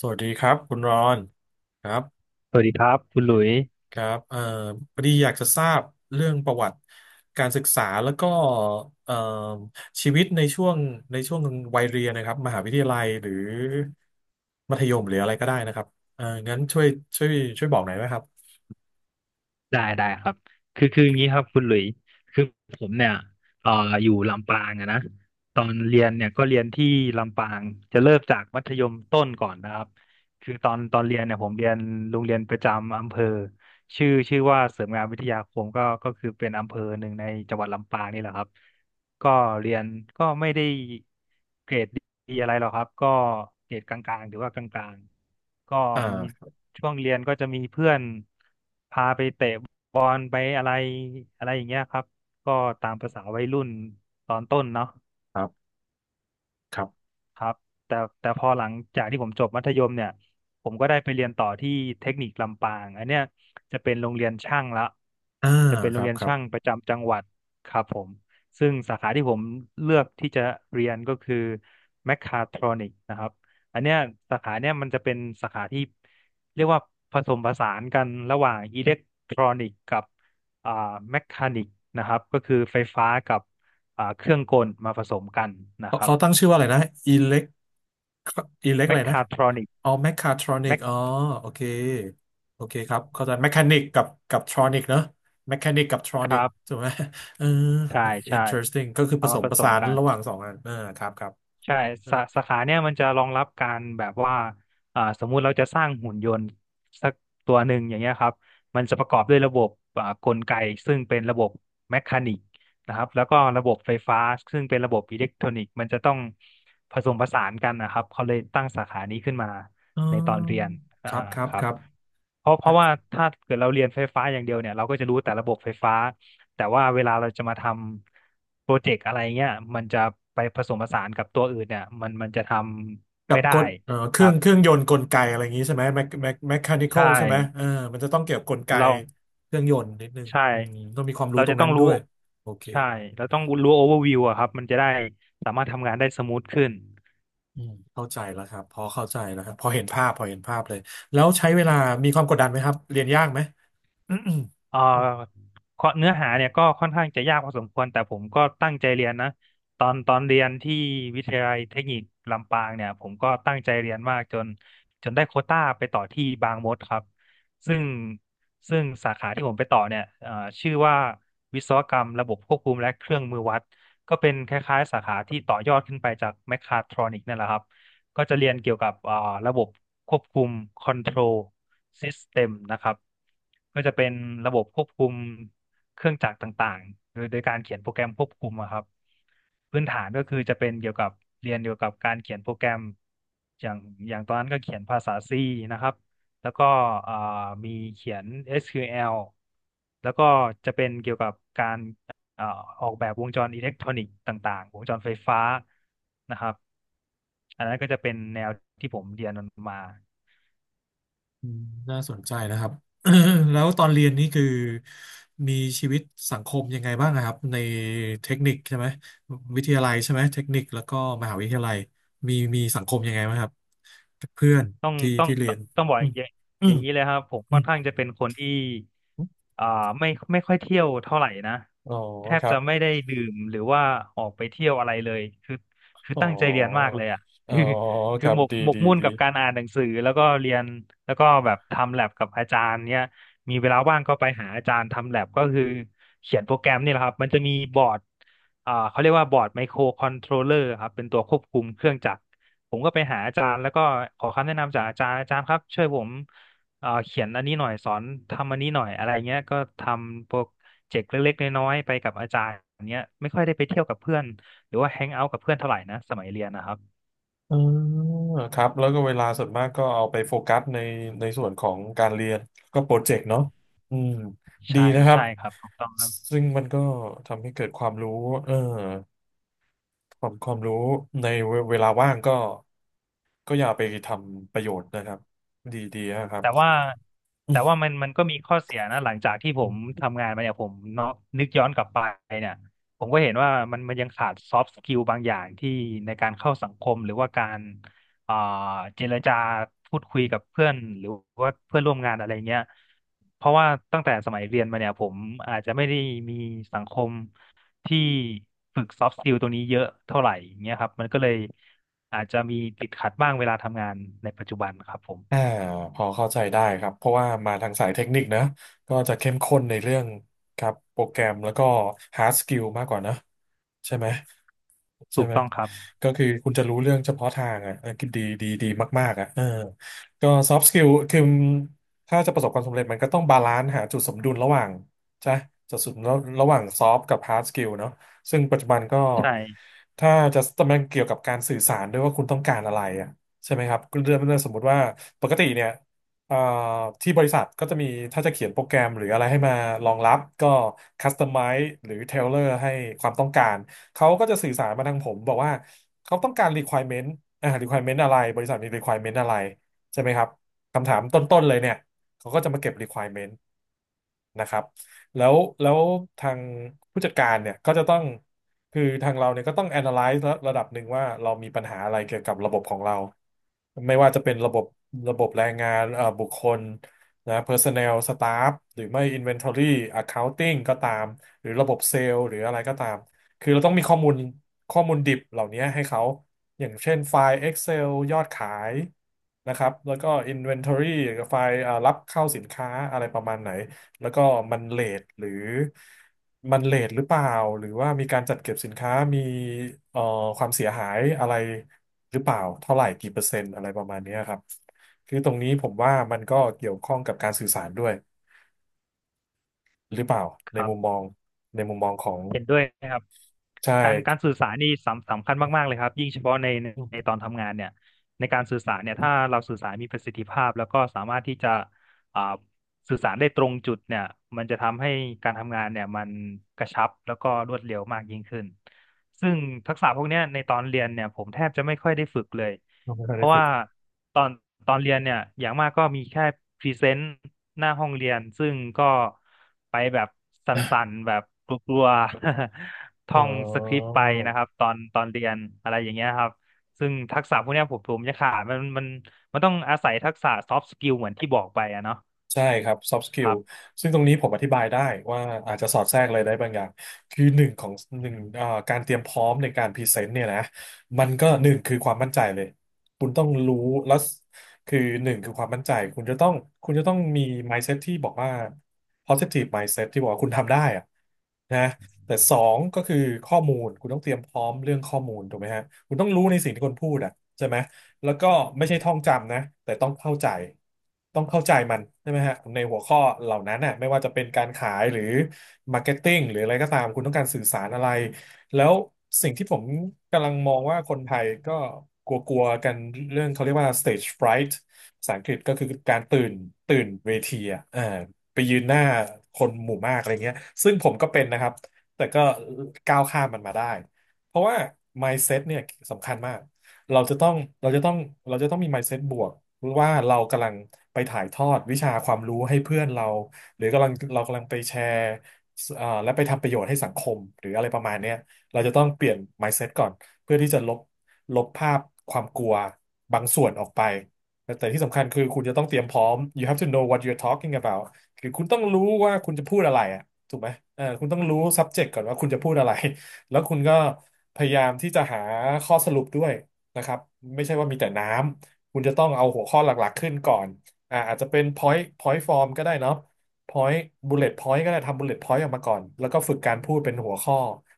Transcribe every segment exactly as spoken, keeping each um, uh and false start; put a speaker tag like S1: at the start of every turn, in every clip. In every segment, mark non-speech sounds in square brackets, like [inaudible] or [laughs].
S1: สวัสดีครับคุณรอนครับ
S2: สวัสดีครับคุณหลุย
S1: ครับเอ่อพอดีอยากจะทราบเรื่องประวัติการศึกษาแล้วก็เอ่อชีวิตในช่วงในช่วงวัยเรียนนะครับมหาวิทยาลัยหรือมัธยมหรืออะไรก็ได้นะครับเอ่องั้นช่วยช่วยช่วยบอกหน่อยไหมครับ
S2: ได้ได้ครับคือคืออย่างนี้ครับคุณหลุยคือผมเนี่ยเอ่ออยู่ลำปางอะนะตอนเรียนเนี่ยก็เรียนที่ลำปางจะเริ่มจากมัธยมต้นก่อนนะครับคือตอนตอนเรียนเนี่ยผมเรียนโรงเรียนประจำอำเภอ ชื่อชื่อว่าเสริมงานวิทยาคมก็ก็คือเป็นอำเภอหนึ่งในจังหวัดลำปางนี่แหละครับก็เรียนก็ไม่ได้เกรดดีอะไรหรอกครับก็เกรดกลางๆหรือว่ากลางๆก็มี
S1: อ่า
S2: ช่วงเรียนก็จะมีเพื่อนพาไปเตะบอลไปอะไรอะไรอย่างเงี้ยครับก็ตามประสาวัยรุ่นตอนต้นเนาะ
S1: ครับครับ
S2: ครับแต่แต่พอหลังจากที่ผมจบมัธยมเนี่ยผมก็ได้ไปเรียนต่อที่เทคนิคลำปางอันเนี้ยจะเป็นโรงเรียนช่างละ
S1: อ่า
S2: จะเป็น
S1: ค
S2: โรง
S1: รับ
S2: เรียน
S1: ครับ
S2: ช่างประจำจังหวัดครับผมซึ่งสาขาที่ผมเลือกที่จะเรียนก็คือแมคคาทรอนิกนะครับอันเนี้ยสาขาเนี้ยมันจะเป็นสาขาที่เรียกว่าผสมผสานกันระหว่างอิเล็กทรอนิกกับอ่าแมคคานิกนะครับก็คือไฟฟ้ากับอ่าเครื่องกลมาผสมกันนะ
S1: เขา
S2: ครับ
S1: เขาตั้งชื่อว่าอะไรนะอิเล็กอิเล็ก
S2: แม
S1: อะไร
S2: ค
S1: นะ
S2: คาทรอนิก
S1: อ๋อแมคคาทรอนิ
S2: แม
S1: ก
S2: ค
S1: อ๋อโอเคโอเคครับเข้าใจแมคานิกกับกับทรอนิกเนอะแมคานิกกับทรอ
S2: ค
S1: นิก
S2: รั
S1: ถู
S2: บ
S1: กไหม [laughs] เออ
S2: ใช่ใช่
S1: interesting ก็คือผ
S2: เอา
S1: ส
S2: มา
S1: ม
S2: ผ
S1: ผ
S2: ส
S1: สา
S2: ม
S1: น
S2: กัน
S1: ระหว่างสองอันเออครับครับ
S2: ใช่
S1: เออ
S2: สาสาขาเนี่ยมันจะรองรับการแบบว่าอ่าสมมุติเราจะสร้างหุ่นยนต์สักตัวหนึ่งอย่างเงี้ยครับมันจะประกอบด้วยระบบอ่ากลไกซึ่งเป็นระบบแมคานิกนะครับแล้วก็ระบบไฟฟ้าซึ่งเป็นระบบอิเล็กทรอนิกส์มันจะต้องผสมผสานกันนะครับเขาเลยตั้งสาขานี้ขึ้นมา
S1: อ๋อ
S2: ในตอนเรียน
S1: ค
S2: อ่า
S1: รับครับ
S2: ครั
S1: ค
S2: บ
S1: รับ
S2: เพราะเพราะว่าถ้าเกิดเราเรียนไฟฟ้าอย่างเดียวเนี่ยเราก็จะรู้แต่ระบบไฟฟ้า แต่ว่าเวลาเราจะมาทำโปรเจกต์อะไรเงี้ยมันจะไปผสมผสานกับตัวอื่นเนี่ยมันมันจะทำ
S1: กั
S2: ไม่
S1: บ
S2: ได้
S1: กลเอ่อเค
S2: ค
S1: รื่อ
S2: รั
S1: งเครื่
S2: บ
S1: องยนต์กลไกอะไรอย่างนี้ใช่ไหมแมคแมคแมคานิคอ
S2: ใช่
S1: ลใช่ไหมเออมันจะต้องเกี่ยวกับกลไก
S2: เรา
S1: เครื่องยนต์นิดนึง
S2: ใช่
S1: อืมต้องมีความรู้
S2: เรา
S1: ตร
S2: จะ
S1: ง
S2: ต้อ
S1: นั้น
S2: ง
S1: ด้
S2: รู้
S1: วยโอเค
S2: ใช่เราต้องรู้โอเวอร์วิวอะครับมันจะได้สามารถทำงานได้สมูทขึ้น
S1: อืมเข้าใจแล้วครับพอเข้าใจแล้วครับพอเห็นภาพพอเห็นภาพเลยแล้วใช้เวลามีความกดดันไหมครับเรียนยากไหมอืมอืม
S2: เอ่อข้อเนื้อหาเนี่ยก็ค่อนข้างจะยากพอสมควรแต่ผมก็ตั้งใจเรียนนะตอนตอนเรียนที่วิทยาลัยเทคนิคลำปางเนี่ยผมก็ตั้งใจเรียนมากจนจนได้โควต้าไปต่อที่บางมดครับซึ่งซึ่งสาขาที่ผมไปต่อเนี่ยเอ่อชื่อว่าวิศวกรรมระบบควบคุมและเครื่องมือวัดก็เป็นคล้ายๆสาขาที่ต่อยอดขึ้นไปจากแมคคาทรอนิกนั่นแหละครับ ก็จะเรียนเกี่ยวกับอ่าระบบควบคุม control system นะครับก็จะเป็นระบบควบคุมเครื่องจักรต่างๆโดยโดยการเขียนโปรแกรมควบคุมอะครับพื้นฐานก็คือจะเป็นเกี่ยวกับเรียนเกี่ยวกับการเขียนโปรแกรมอย่างอย่างตอนนั้นก็เขียนภาษา C นะครับแล้วก็อ่ามีเขียน เอส คิว แอลแล้วก็จะเป็นเกี่ยวกับการ เอ่อออกแบบวงจรอิเล็กทรอนิกส์ต่างๆ วงจรไฟฟ้านะครับ อันนั้นก็จะเป็นแนวที่ผมเรียนมันมา
S1: อืมน่าสนใจนะครับ [coughs] แล้วตอนเรียนนี่คือมีชีวิตสังคมยังไงบ้างอะครับในเทคนิคใช่ไหมวิทยาลัยใช่ไหมเทคนิคแล้วก็มหาวิทยาลัยมีมีสังคมยังไงบ้างครับเพื่อน
S2: ต้อง
S1: ที่
S2: ต้อง
S1: ที่เรียน
S2: ต้องบอก
S1: อื
S2: อ
S1: ม
S2: ย่าง
S1: อื
S2: อย่า
S1: ม
S2: งนี้เลยครับผม
S1: อื
S2: ค่อ
S1: ม
S2: นข้างจะเป็นคนที่อ่าไม่ไม่ค่อยเที่ยวเท่าไหร่นะ
S1: อ๋อ
S2: แท
S1: ค
S2: บ
S1: รั
S2: จะ
S1: บ
S2: ไม่ได้ดื่มหรือว่าออกไปเที่ยวอะไรเลยคือคือ
S1: อ๋อ
S2: ตั้งใจเรียนมากเลยอ่ะ
S1: อ๋อ
S2: คือ
S1: ค
S2: คือ
S1: รับ
S2: หมก
S1: ดี
S2: หมก
S1: ดี
S2: มุ่น
S1: ดี
S2: กับการอ่านหนังสือแล้วก็เรียนแล้วก็แบบทำแลบกับอาจารย์เนี่ยมีเวลาว่างก็ไปหาอาจารย์ทำแลบก็คือเขียนโปรแกรมนี่แหละครับมันจะมีบอร์ดอ่าเขาเรียกว่าบอร์ดไมโครคอนโทรลเลอร์ครับเป็นตัวควบคุมเครื่องจักร ผมก็ไปหาอาจารย์แล้วก็ขอคำแนะนำจากอาจารย์อาจารย์ครับช่วยผมเอ่อเขียนอันนี้หน่อยสอนทำอันนี้หน่อยอะไรเงี้ยก็ทำโปรเจกต์เล็กๆน้อยๆไปกับอาจารย์เนี้ยไม่ค่อยได้ไปเที่ยวกับเพื่อนหรือว่าแฮงเอาท์กับเพื่อนเท่าไหร่นะสมัยเรียนนะครับ
S1: เออครับแล้วก็เวลาส่วนมากก็เอาไปโฟกัสในในส่วนของการเรียนก็โปรเจกต์เนาะอืมดี
S2: ใช่
S1: นะครับ
S2: ใช่ครับถูกต้องครับ
S1: ซึ่งมันก็ทำให้เกิดความรู้เออความความรู้ในเวเวลาว่างก็ก็อย่าไปทำประโยชน์นะครับดีดีนะครับ
S2: แต่ว่าแต่ว่ามันมันก็มีข้อเสียนะหลังจากที่ผ
S1: อื
S2: ม
S1: ม
S2: ทำงานมาเนี่ยผมเนาะนึกย้อนกลับไปเนี่ยผมก็เห็นว่ามันมันยังขาดซอฟต์สกิลบางอย่างที่ในการเข้าสังคมหรือว่าการอ่าเจรจาพูดคุยกับเพื่อนหรือว่าเพื่อนร่วมงานอะไรเงี้ยเพราะว่าตั้งแต่สมัยเรียนมาเนี่ยผมอาจจะไม่ได้มีสังคมที่ฝึกซอฟต์สกิลตัวนี้เยอะเท่าไหร่อย่างเงี้ยครับมันก็เลยอาจจะมีติดขัดบ้างเวลาทำงานในปัจจุบันครับผม
S1: อ่าพอเข้าใจได้ครับเพราะว่ามาทางสายเทคนิคนะก็จะเข้มข้นในเรื่องครับโปรแกรมแล้วก็ hard skill มากกว่านะใช่ไหมใช่
S2: ถูก
S1: ไหม
S2: ต้องครับ
S1: ก็คือคุณจะรู้เรื่องเฉพาะทางอ่ะเออดีดีดีมากๆอ่ะเออก็ soft skill คือถ้าจะประสบความสำเร็จมันก็ต้องบาลานซ์หาจุดสมดุลระหว่างใช่จุดสมดุลระหว่าง soft กับ hard skill เนาะซึ่งปัจจุบันก็
S2: ใช่
S1: ถ้าจะมันเกี่ยวกับการสื่อสารด้วยว่าคุณต้องการอะไรอ่ะ ใช่ไหมครับเรื่องเรื่องสมมติว่าปกติเนี่ยเอ่อที่บริษัทก็จะมีถ้าจะเขียนโปรแกรมหรืออะไรให้มารองรับก็คัสตอ m i ไ e หรือเทเลอร์ให้ความต้องการเขาก็จะสื่อสารมาทางผมบอกว่าเขาต้องการ requirement อ่า requirement อะไรบริษัทมี requirement อะไรใช่ไหมครับคำถามต้นๆเลยเนี่ยเขาก็จะมาเก็บ requirement นะครับ แล้วแล้วทางผู้จัดการเนี่ยก็จะต้อง คือทางเราเนี่ยก็ต้อง analyze ระระดับหนึ่งว่าเรามีปัญหาอะไรเกี่ยวกับระบบของเรา ไม่ว่าจะเป็นระบบระบบแรงงานเอ่อบุคคลนะ personnel staff หรือไม่ inventory accounting ก็ตาม หรือระบบเซลล์หรืออะไรก็ตาม คือเราต้องมีข้อมูลข้อมูลดิบเหล่านี้ให้เขา อย่างเช่นไฟล์ Excel ยอดขายนะครับแล้วก็ Inventory ไฟล์เอ่อรับเข้าสินค้าอะไรประมาณไหน แล้วก็มันเลทหรือมันเลทหรือเปล่าหรือว่ามีการจัดเก็บสินค้ามีเอ่อความเสียหายอะไรหรือเปล่าเท่าไหร่กี่เปอร์เซ็นต์อะไรประมาณเนี้ยครับคือตรงนี้ผมว่ามันก็เกี่ยวข้องกับการสื่อสารด้วยหรือเปล่า
S2: ค
S1: ใน
S2: รั
S1: มุมมอ
S2: บ
S1: งในมุมมองของ
S2: เห็นด้วยนะครับ
S1: ใช่
S2: การการสื่อสารนี่สำสำคัญมากๆเลยครับยิ่งเฉพาะในใน
S1: อื
S2: ในตอ
S1: ม
S2: นทำงานเนี่ยในการสื่อสารเนี่ย
S1: อื
S2: ถ้า
S1: ม
S2: เราสื่อสารมีประสิทธิภาพแล้วก็สามารถที่จะอ่าสื่อสารได้ตรงจุดเนี่ยมันจะทำให้การทำงานเนี่ยมันกระชับแล้วก็รวดเร็วมากยิ่งขึ้น ซึ่งทักษะพวกเนี้ยในตอนเรียนเนี่ยผมแทบจะไม่ค่อยได้ฝึกเลย
S1: เราไม่ค่อย
S2: เพ
S1: ได้
S2: ราะ
S1: ฝึ
S2: ว่า
S1: ก
S2: ตอนตอนเรียนเนี่ยอย่างมากก็มีแค่พรีเซนต์หน้าห้องเรียนซึ่งก็ไปแบบสั่นๆแบบกลัวๆ [laughs]
S1: เอ
S2: ท่องสคริปต์ไปนะค
S1: อ
S2: รับตอนตอนเรียนอะไรอย่างเงี้ยครับซึ่งทักษะพวกเนี้ยผมผมจะขาดมันมันมันต้องอาศัยทักษะ soft skill เหมือนที่บอกไปอะเนาะ
S1: ใช่ครับ soft
S2: ค
S1: skill
S2: รับ
S1: ซึ่งตรงนี้ผมอธิบายได้ว่าอาจจะสอดแทรกอะไรได้บางอย่างคือหนึ่งของหนึ่งเอ่อการเตรียมพร้อมในการพรีเซนต์เนี่ยนะมันก็หนึ่งคือความมั่นใจเลยคุณต้องรู้แล้วคือหนึ่งคือความมั่นใจคุณจะต้องคุณจะต้องมี mindset ที่บอกว่า positive mindset ที่บอกว่าคุณทำได้อะนะ แต่สองก็คือข้อมูลคุณต้องเตรียมพร้อมเรื่องข้อมูลถูกไหมฮะคุณต้องรู้ในสิ่งที่คนพูดอ่ะใช่ไหมแล้วก็ไม่ใช่ท่องจำนะแต่ต้องเข้าใจต้องเข้าใจมันใช่ไหมฮะในหัวข้อเหล่านั้นน่ะไม่ว่าจะเป็นการขายหรือมาร์เก็ตติ้งหรืออะไรก็ตามคุณต้องการสื่อสารอะไรแล้วสิ่งที่ผมกำลังมองว่าคนไทยก็กลัวๆกันเรื่องเขาเรียกว่า stage fright ภาษาอังกฤษก็คือการตื่นตื่นเวทีอ่ะเออไปยืนหน้าคนหมู่มากอะไรเงี้ยซึ่งผมก็เป็นนะครับ แต่ก็ก้าวข้ามมันมาได้ เพราะว่า mindset เนี่ยสำคัญมากเราจะต้องเราจะต้องเราจะต้องมี mindset บวกว่าเรากำลังไปถ่ายทอดวิชาความรู้ให้เพื่อนเรา หรือกำลังเรากำลังไปแชร์เอ่อและไปทำประโยชน์ให้สังคม หรืออะไรประมาณเนี้ยเราจะต้องเปลี่ยน mindset ก่อน เพื่อที่จะลบลบภาพความกลัวบางส่วนออกไป แต่ที่สำคัญคือคุณจะต้องเตรียมพร้อม you have to know what you're talking about คือคุณต้องรู้ว่าคุณจะพูดอะไรอะ ถูกไหมเออคุณต้องรู้ subject ก่อนว่าคุณจะพูดอะไร [laughs] แล้วคุณก็พยายามที่จะหาข้อสรุปด้วยนะครับไม่ใช่ว่ามีแต่น้ำ คุณจะต้องเอาหัวข้อหลักๆขึ้นก่อนอ่าอาจจะเป็น point point form ก็ได้เนาะ point bullet point ก็ได้ทำ bullet point ออกมาก่อน แล้วก็ฝึกการพูดเป็นหัวข้อ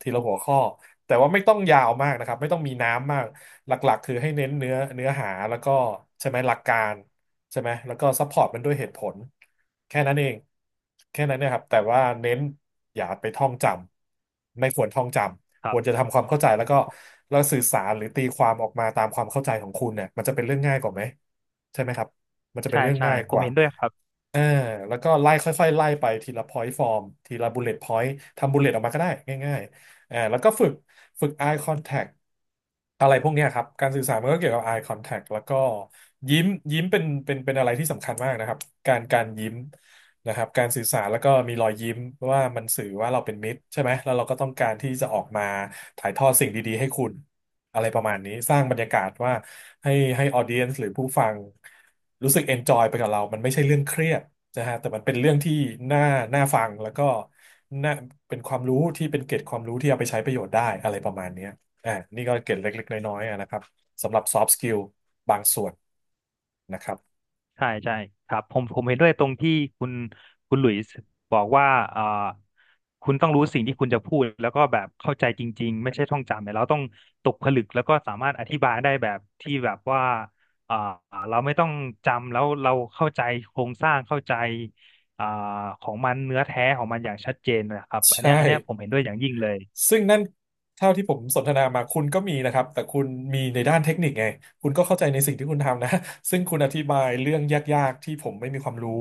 S1: ทีละหัวข้อ แต่ว่าไม่ต้องยาวมากนะครับไม่ต้องมีน้ำมาก หลักๆคือให้เน้นเนื้อเนื้อหาแล้วก็ใช่ไหมหลักการ ใช่ไหมแล้วก็ซัพพอร์ตมันด้วยเหตุผลแค่นั้นเองแค่นั้นเนะครับแต่ว่าเน้นอย่าไปท่องจำไม่ควรท่องจ
S2: ค
S1: ำค
S2: รั
S1: วร
S2: บ
S1: จะทำความเข้าใจแล้วก็แล้วสื่อสารหรือตีความออกมาตามความเข้าใจของคุณเนี่ยมันจะเป็นเรื่องง่ายกว่าไหมใช่ไหมครับมันจะเป็น
S2: ใช่
S1: เรื่อง
S2: ใช่
S1: ง่าย
S2: ผ
S1: ก
S2: ม
S1: ว่า
S2: เห็นด้วยครับ
S1: อ่าแล้วก็ไล่ค่อยๆไล่ไปทีละ point form ทีละ bullet point ทำ bullet ออกมาก็ได้ง่ายๆอ่าแล้วก็ฝึกฝึก eye contact อะไรพวกเนี้ยครับการสื่อสารมันก็เกี่ยวกับ eye contact แล้วก็ยิ้มยิ้มเป็นเป็นเป็นอะไรที่สำคัญมากนะครับการการยิ้มนะครับการสื่อสารแล้วก็มีรอยยิ้มว่ามันสื่อว่าเราเป็นมิตรใช่ไหมแล้วเราก็ต้องการที่จะออกมาถ่ายทอดสิ่งดีๆให้คุณ อะไรประมาณนี้สร้างบรรยากาศว่าให้ให้ออเดียนหรือผู้ฟังรู้สึกเอนจอยไปกับเรา มันไม่ใช่เรื่องเครียดนะฮะแต่มันเป็นเรื่องที่น่าน่าฟังแล้วก็น่าเป็นความรู้ที่เป็นเกร็ดความรู้ที่เอาไปใช้ประโยชน์ได้อะไรประมาณเนี้ยอ่านี่ก็เกร็ดเล็กๆน้อยๆอะนะครับสำหรับซอฟต์สกิลบางส่วนนะครับ
S2: ใช่ใช่ครับผมผมเห็นด้วยตรงที่คุณคุณหลุยส์บอกว่าเอ่อคุณต้องรู้สิ่งที่คุณจะพูดแล้วก็แบบเข้าใจจริงๆไม่ใช่ท่องจำเนี่ยเราต้องตกผลึกแล้วก็สามารถอธิบายได้แบบที่แบบว่าเอ่อเราไม่ต้องจำแล้วเราเข้าใจโครงสร้างเข้าใจอ่าของมันเนื้อแท้ของมันอย่างชัดเจนนะครับอัน
S1: ใช่
S2: เนี้ยอันเนี้ยผมเห็นด้วยอย่างยิ่งเลย
S1: ซึ่งนั่นเท่าที่ผมสนทนามาคุณก็มีนะครับแต่คุณมีในด้านเทคนิคไงคุณก็เข้าใจในสิ่งที่คุณทำนะซึ่งคุณอธิบายเรื่องยากๆที่ผมไม่มีความรู้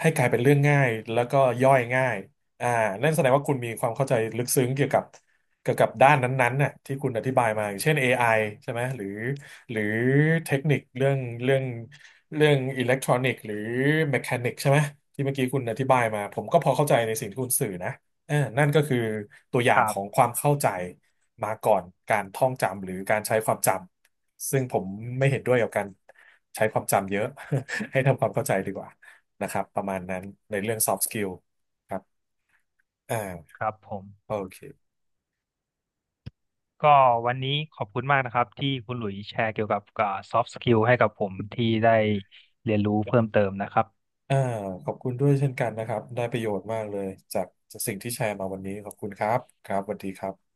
S1: ให้กลายเป็นเรื่องง่ายแล้วก็ย่อยง่ายอ่านั่นแสดงว่าคุณมีความเข้าใจลึกซึ้งเกี่ยวกับเกี่ยวกับด้านนั้นๆน่ะที่คุณอธิบายมาอย่างเช่น เอ ไอ ใช่ไหมหรือหรือเทคนิคเรื่องเรื่องเรื่องอิเล็กทรอนิกส์หรือแมคานิกใช่ไหมที่เมื่อกี้คุณอธิบายมาผมก็พอเข้าใจในสิ่งที่คุณสื่อนะ เออนั่นก็คือตัวอย่า
S2: ค
S1: ง
S2: รั
S1: ของ
S2: บ
S1: ความเข้าใจมาก่อนการท่องจำหรือการใช้ความจำซึ่งผมไม่เห็นด้วยกับการใช้ความจำเยอะ [laughs] ให้ทำความเข้าใจดีกว่านะครับประมาณนั้นในเรื่อง soft skill ครับอ่า
S2: ครับผม
S1: โอเค
S2: ก็วันนี้ขอบคุณมากนะครับที่คุณหลุยส์แชร์เกี่ยวกับซอฟต์สกิลให้กับผมที่ได้เรียนรู้เพิ่มเติมนะครับ
S1: อ่าขอบคุณด้วยเช่นกันนะครับได้ประโยชน์มากเลยจากสิ่งที่แชร์มาวันนี้ขอบคุณครับครับสวัสดีครับ